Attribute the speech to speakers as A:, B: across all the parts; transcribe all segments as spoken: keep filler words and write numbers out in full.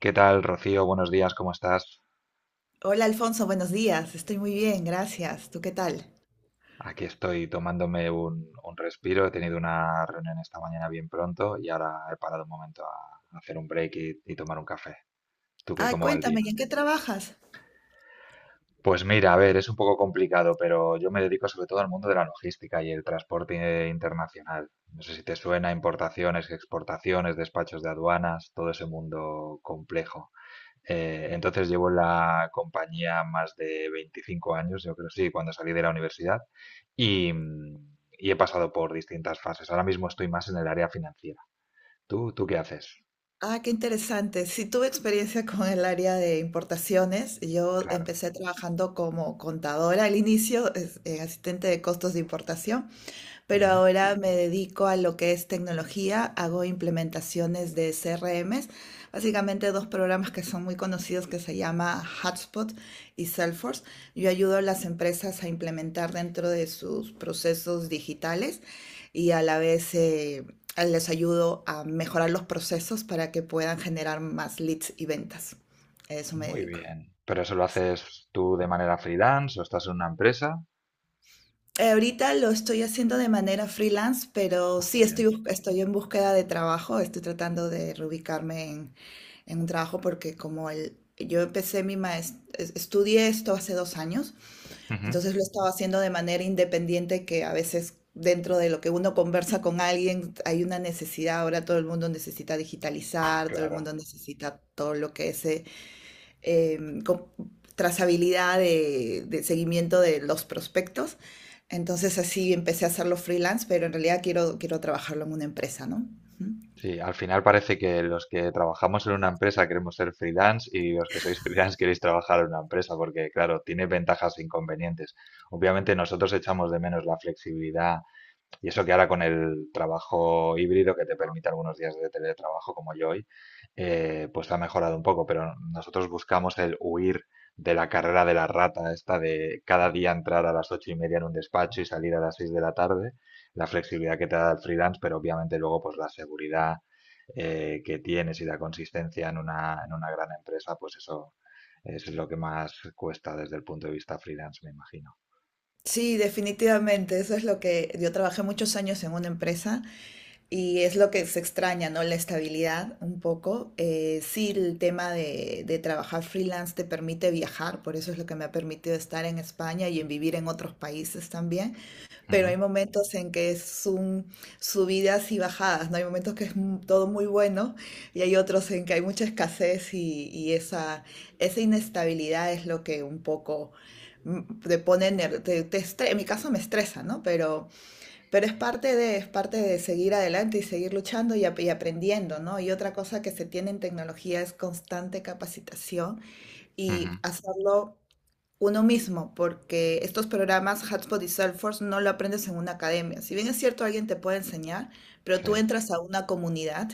A: ¿Qué tal, Rocío? Buenos días, ¿cómo estás?
B: Hola Alfonso, buenos días. Estoy muy bien, gracias. ¿Tú qué tal?
A: Aquí estoy tomándome un, un respiro. He tenido una reunión esta mañana bien pronto y ahora he parado un momento a hacer un break y, y tomar un café. ¿Tú qué,
B: Ah,
A: cómo va el
B: cuéntame,
A: día?
B: ¿y en qué trabajas?
A: Pues mira, a ver, es un poco complicado, pero yo me dedico sobre todo al mundo de la logística y el transporte internacional. No sé si te suena importaciones, exportaciones, despachos de aduanas, todo ese mundo complejo. Eh, entonces llevo en la compañía más de veinticinco años, yo creo, sí, cuando salí de la universidad y, mm, y he pasado por distintas fases. Ahora mismo estoy más en el área financiera. ¿Tú, tú qué haces?
B: Ah, qué interesante. Sí, tuve experiencia con el área de importaciones. Yo
A: Claro.
B: empecé trabajando como contadora al inicio, es- eh, asistente de costos de importación, pero
A: Ujú.
B: ahora me dedico a lo que es tecnología, hago implementaciones de C R Ms, básicamente dos programas que son muy conocidos que se llama Hubspot y Salesforce. Yo ayudo a las empresas a implementar dentro de sus procesos digitales y a la vez eh, les ayudo a mejorar los procesos para que puedan generar más leads y ventas. A eso me
A: Muy
B: dedico.
A: bien. ¿Pero eso lo haces tú de manera freelance o estás en una empresa?
B: Eh, ahorita lo estoy haciendo de manera freelance, pero
A: Ah, muy
B: sí
A: bien.
B: estoy, bus- estoy en búsqueda de trabajo, estoy tratando de reubicarme en, en un trabajo porque como el, yo empecé mi maestría, estudié esto hace dos años,
A: Ujú.
B: entonces lo estaba haciendo de manera independiente que a veces dentro de lo que uno conversa con alguien hay una necesidad, ahora todo el mundo necesita digitalizar, todo el mundo
A: Claro.
B: necesita todo lo que es eh, em, co- trazabilidad de, de seguimiento de los prospectos. Entonces así empecé a hacerlo freelance, pero en realidad quiero, quiero trabajarlo en una empresa, ¿no? Ujú.
A: Sí, al final parece que los que trabajamos en una empresa queremos ser freelance y los que sois freelance queréis trabajar en una empresa porque, claro, tiene ventajas e inconvenientes. Obviamente nosotros echamos de menos la flexibilidad y eso que ahora con el trabajo híbrido que te permite algunos días de teletrabajo como yo hoy, eh, pues ha mejorado un poco, pero nosotros buscamos el huir de la carrera de la rata, esta de cada día entrar a las ocho y media en un despacho y salir a las seis de la tarde, la flexibilidad que te da el freelance, pero obviamente luego pues la seguridad eh, que tienes y la consistencia en una, en una gran empresa, pues eso, eso es lo que más cuesta desde el punto de vista freelance, me imagino.
B: Sí, definitivamente, eso es lo que yo trabajé muchos años en una empresa y es lo que se extraña, ¿no? La estabilidad un poco. Eh, sí, el tema de, de trabajar freelance te permite viajar, por eso es lo que me ha permitido estar en España y en vivir en otros países también. Pero
A: Ujú,
B: hay momentos en que es un subidas y bajadas, ¿no? Hay momentos que es mu- todo muy bueno y hay otros en que hay mucha escasez y, y esa, esa inestabilidad es lo que un poco mm, te pone, ner- te, te estre- en mi caso me estresa, ¿no? Pero, pero, es parte de, es parte de seguir adelante y seguir luchando y, ap- y aprendiendo, ¿no? Y otra cosa que se tiene en tecnología es constante capacitación
A: ujú,
B: y hacerlo uno mismo, porque estos programas Hotspot y Salesforce no lo aprendes en una academia. Si bien es cierto, alguien te puede enseñar, pero
A: sí,
B: tú entras a una comunidad,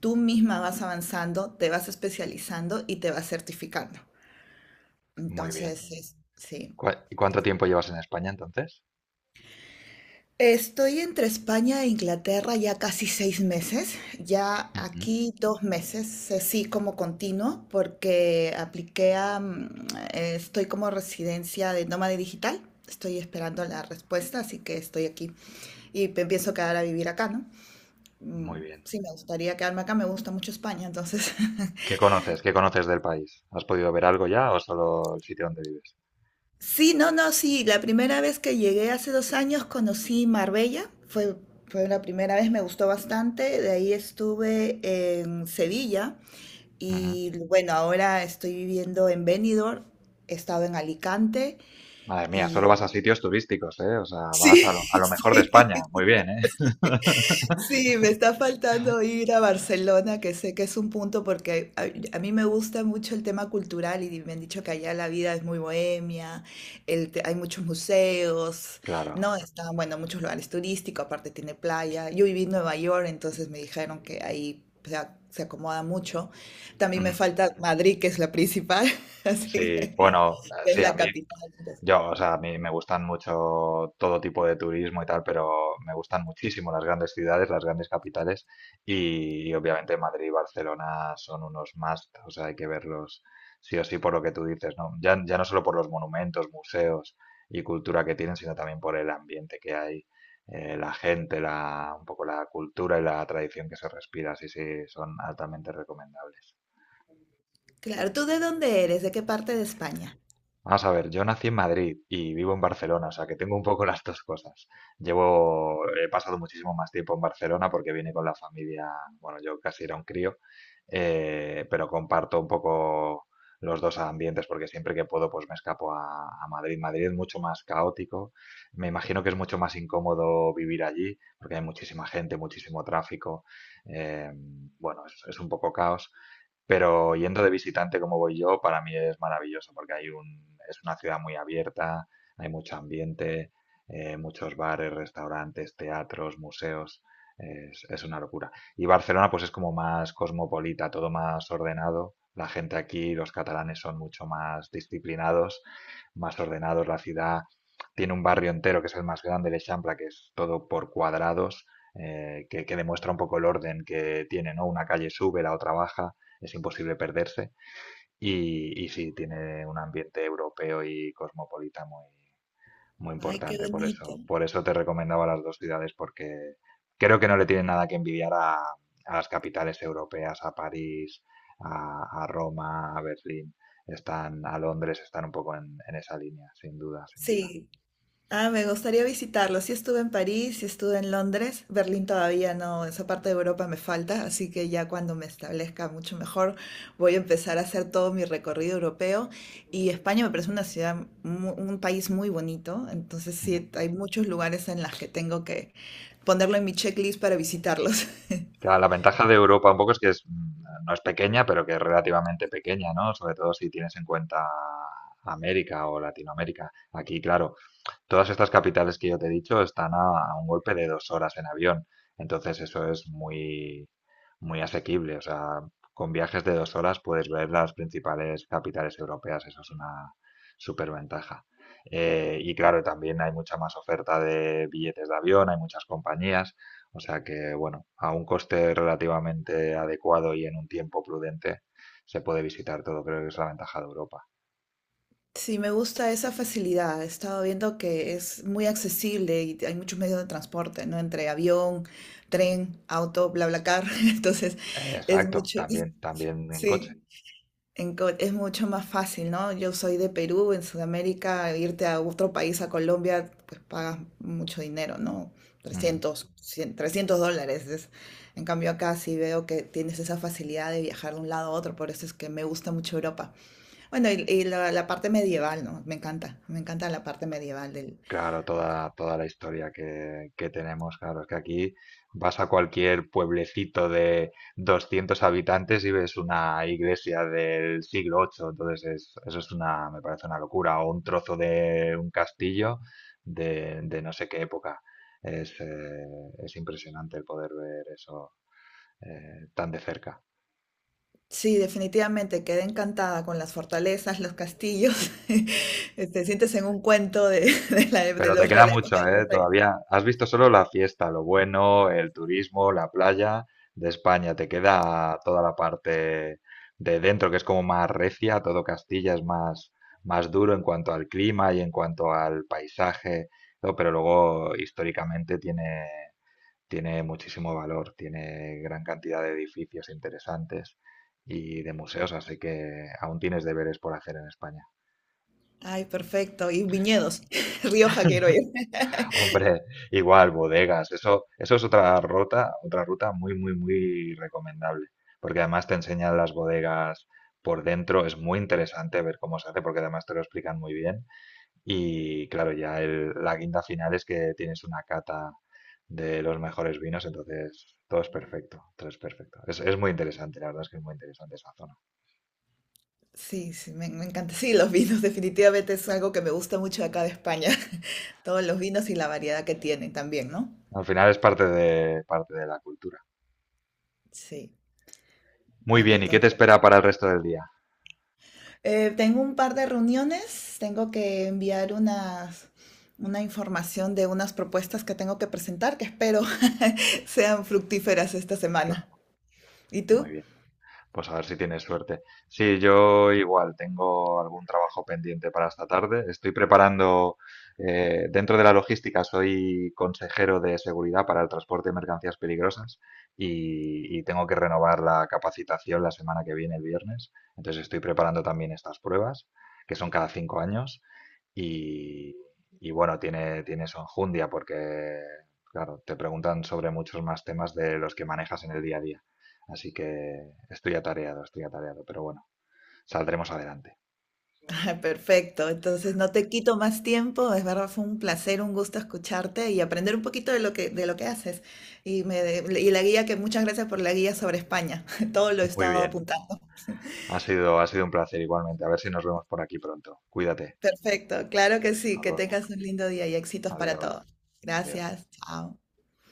B: tú misma vas avanzando, te vas especializando y te vas certificando.
A: muy bien.
B: Entonces, es- sí.
A: ¿Cua- ¿Y cuánto tiempo llevas en España entonces?
B: Estoy entre España e Inglaterra ya casi seis meses, ya
A: Ujú.
B: aquí dos meses, eh, sí como continuo, porque apliqué a, mm, eh, estoy como residencia de nómada digital, estoy esperando la respuesta, así que estoy aquí y pe- pienso quedar a vivir acá, ¿no?
A: Muy
B: Mm,
A: bien.
B: Sí, me gustaría quedarme acá, me gusta mucho España, entonces
A: ¿Qué conoces? ¿Qué conoces del país? ¿Has podido ver algo ya o solo el sitio donde vives?
B: Sí, no, no, sí. La primera vez que llegué hace dos años conocí Marbella. Fue, fue la primera vez, me gustó bastante. De ahí estuve en Sevilla
A: Ujú.
B: y bueno, ahora estoy viviendo en Benidorm. He estado en Alicante
A: Madre mía, solo vas a
B: y...
A: sitios turísticos, ¿eh? O sea, vas a lo, a
B: Sí,
A: lo mejor de España. Muy
B: sí.
A: bien, ¿eh?
B: Sí, me está faltando ir a Barcelona, que sé que es un punto porque a, a mí me gusta mucho el tema cultural y me han dicho que allá la vida es muy bohemia, el te- hay muchos museos,
A: Claro.
B: ¿no? Están, bueno, muchos lugares turísticos, aparte tiene playa. Yo viví en Nueva York, entonces me dijeron que ahí se, a- se acomoda mucho. También
A: Ujú.
B: me falta Madrid, que es la principal, así
A: Sí,
B: que
A: bueno, eh,
B: es
A: sí, a
B: la
A: mí
B: capital, entonces.
A: yo, o sea, a mí me gustan mucho todo tipo de turismo y tal, pero me gustan muchísimo las grandes ciudades, las grandes capitales y, y obviamente Madrid y Barcelona son unos must, o sea, hay que verlos sí o sí por lo que tú dices, ¿no? Ya, ya no solo por los monumentos, museos y cultura que tienen, sino también por el ambiente que hay, eh, la gente, la, un poco la cultura y la tradición que se respira, sí, sí, son altamente recomendables.
B: Claro, ¿tú de dónde eres? ¿De qué parte de España?
A: Vamos a ver, yo nací en Madrid y vivo en Barcelona, o sea que tengo un poco las dos cosas. Llevo, he pasado muchísimo más tiempo en Barcelona porque vine con la familia, bueno, yo casi era un crío, eh, pero comparto un poco los dos ambientes porque siempre que puedo pues me escapo a, a, Madrid. Madrid es mucho más caótico, me imagino que es mucho más incómodo vivir allí porque hay muchísima gente, muchísimo tráfico, eh, bueno, es, es un poco caos. Pero yendo de visitante como voy yo, para mí es maravilloso porque hay un, es una ciudad muy abierta, hay mucho ambiente, eh, muchos bares, restaurantes, teatros, museos. Es, es una locura. Y Barcelona pues es como más cosmopolita, todo más ordenado. La gente aquí, los catalanes son mucho más disciplinados, más ordenados. La ciudad tiene un barrio entero que es el más grande, el Eixample, que es todo por cuadrados, eh, que, que demuestra un poco el orden que tiene, ¿no? Una calle sube, la otra baja, es imposible perderse. Y, y sí, tiene un ambiente europeo y cosmopolita muy, muy
B: Ay, qué
A: importante, por
B: bonito.
A: eso, por eso te recomendaba las dos ciudades, porque creo que no le tienen nada que envidiar a, a las capitales europeas, a París, a, a Roma, a Berlín, están a Londres, están un poco en, en esa línea, sin duda, sin duda.
B: Sí. Ah, me gustaría visitarlo. Sí estuve en París, sí estuve en Londres. Berlín todavía no, esa parte de Europa me falta, así que ya cuando me establezca mucho mejor voy a empezar a hacer todo mi recorrido europeo. Y España me parece una ciudad, mu- un país muy bonito, entonces
A: Ujú.
B: sí, hay muchos lugares en los que tengo que ponerlo en mi checklist para visitarlos.
A: Claro, la ventaja de Europa un poco es que es, mm, no es pequeña, pero que es relativamente pequeña, ¿no? Sobre todo si tienes en cuenta América o Latinoamérica. Aquí, claro, todas estas capitales que yo te he dicho están a, a un golpe de dos horas en avión, entonces eso es muy, muy asequible. O sea, con viajes de dos horas puedes ver las principales capitales europeas, eso es una superventaja. Eh, y claro, también hay mucha más oferta de billetes de avión, hay muchas compañías, o sea que, bueno, a un coste relativamente adecuado y en un tiempo prudente se puede visitar todo, creo que es la ventaja de Europa.
B: Sí, me gusta esa facilidad. He estado viendo que es muy accesible y hay muchos medios de transporte, ¿no? Entre avión, tren, auto, BlaBlaCar. Entonces,
A: Eh,
B: es
A: exacto,
B: mucho, es-
A: también, también en coche.
B: sí, en co- es mucho más fácil, ¿no? Yo soy de Perú, en Sudamérica, irte a otro país, a Colombia, pues pagas mucho dinero, ¿no?
A: Ujú.
B: Trescientos, cien, trescientos dólares. Es- en cambio, acá sí veo que tienes esa facilidad de viajar de un lado a otro, por eso es que me gusta mucho Europa. Bueno, y, y la, la parte medieval, ¿no? Me encanta, me encanta la parte medieval del...
A: Claro, toda, toda, la historia que, que tenemos, claro, es que aquí vas a cualquier pueblecito de doscientos habitantes y ves una iglesia del siglo octavo, entonces es- eso es una, me parece una locura, o un trozo de un castillo de, de no sé qué época. Es, eh, es impresionante el poder ver eso eh, tan de cerca.
B: Sí, definitivamente quedé encantada con las fortalezas, los castillos. Te sientes en un cuento de, de la, de
A: Pero te
B: los re-
A: queda
B: la
A: mucho,
B: época de
A: ¿eh?
B: los reyes.
A: Todavía has visto solo la fiesta, lo bueno, el turismo, la playa de España. Te queda toda la parte de dentro, que es como más recia, todo Castilla es más, más, duro en cuanto al clima y en cuanto al paisaje, ¿no? Pero luego históricamente tiene, tiene muchísimo valor, tiene gran cantidad de edificios interesantes y de museos, así que aún tienes deberes por hacer en España.
B: Ay, perfecto. Y viñedos. Rioja quiero ir.
A: Hombre, igual, bodegas. Eso, eso es otra ruta, otra ruta muy, muy, muy recomendable. Porque además te enseñan las bodegas por dentro. Es muy interesante ver cómo se hace, porque además te lo explican muy bien. Y claro, ya el- la guinda final es que tienes una cata de los mejores vinos, entonces todo es perfecto, todo es perfecto. Es, es muy interesante, la verdad es que es muy interesante esa zona.
B: Sí, sí, me, me encanta. Sí, los vinos definitivamente es algo que me gusta mucho de acá de España. Todos los vinos y la variedad que tienen también, ¿no?
A: Al final es parte de, parte de la cultura.
B: Sí.
A: Muy bien,
B: Bueno,
A: ¿y qué te espera para el resto del día?
B: Eh, tengo un par de reuniones, tengo que enviar unas, una información de unas propuestas que tengo que presentar, que espero sean fructíferas esta semana.
A: Claro,
B: ¿Y
A: muy
B: tú?
A: bien. Pues a ver si tienes suerte. Sí, yo igual tengo algún trabajo pendiente para esta tarde. Estoy preparando, eh, dentro de la logística, soy consejero de seguridad para el transporte de mercancías peligrosas y, y tengo que renovar la capacitación la semana que viene, el viernes. Entonces estoy preparando también estas pruebas, que son cada cinco años. Y, y bueno, tiene, tiene, su enjundia porque, claro, te preguntan sobre muchos más temas de los que manejas en el día a día. Así que estoy atareado, estoy atareado, pero bueno, saldremos adelante.
B: Ah, Perfecto, entonces no te quito más tiempo, es verdad, fue un placer, un gusto escucharte y aprender un poquito de lo que, de lo que haces. Y, me, de- y la guía, que muchas gracias por la guía sobre España, todo lo he
A: Muy
B: estado
A: bien.
B: apuntando.
A: Ha sido, ha sido un placer igualmente. A ver si nos vemos por aquí pronto. Cuídate.
B: Perfecto, claro que sí,
A: Hasta
B: que
A: luego.
B: tengas un lindo día y éxitos para
A: Adiós.
B: todos.
A: Adiós.
B: Gracias, chao.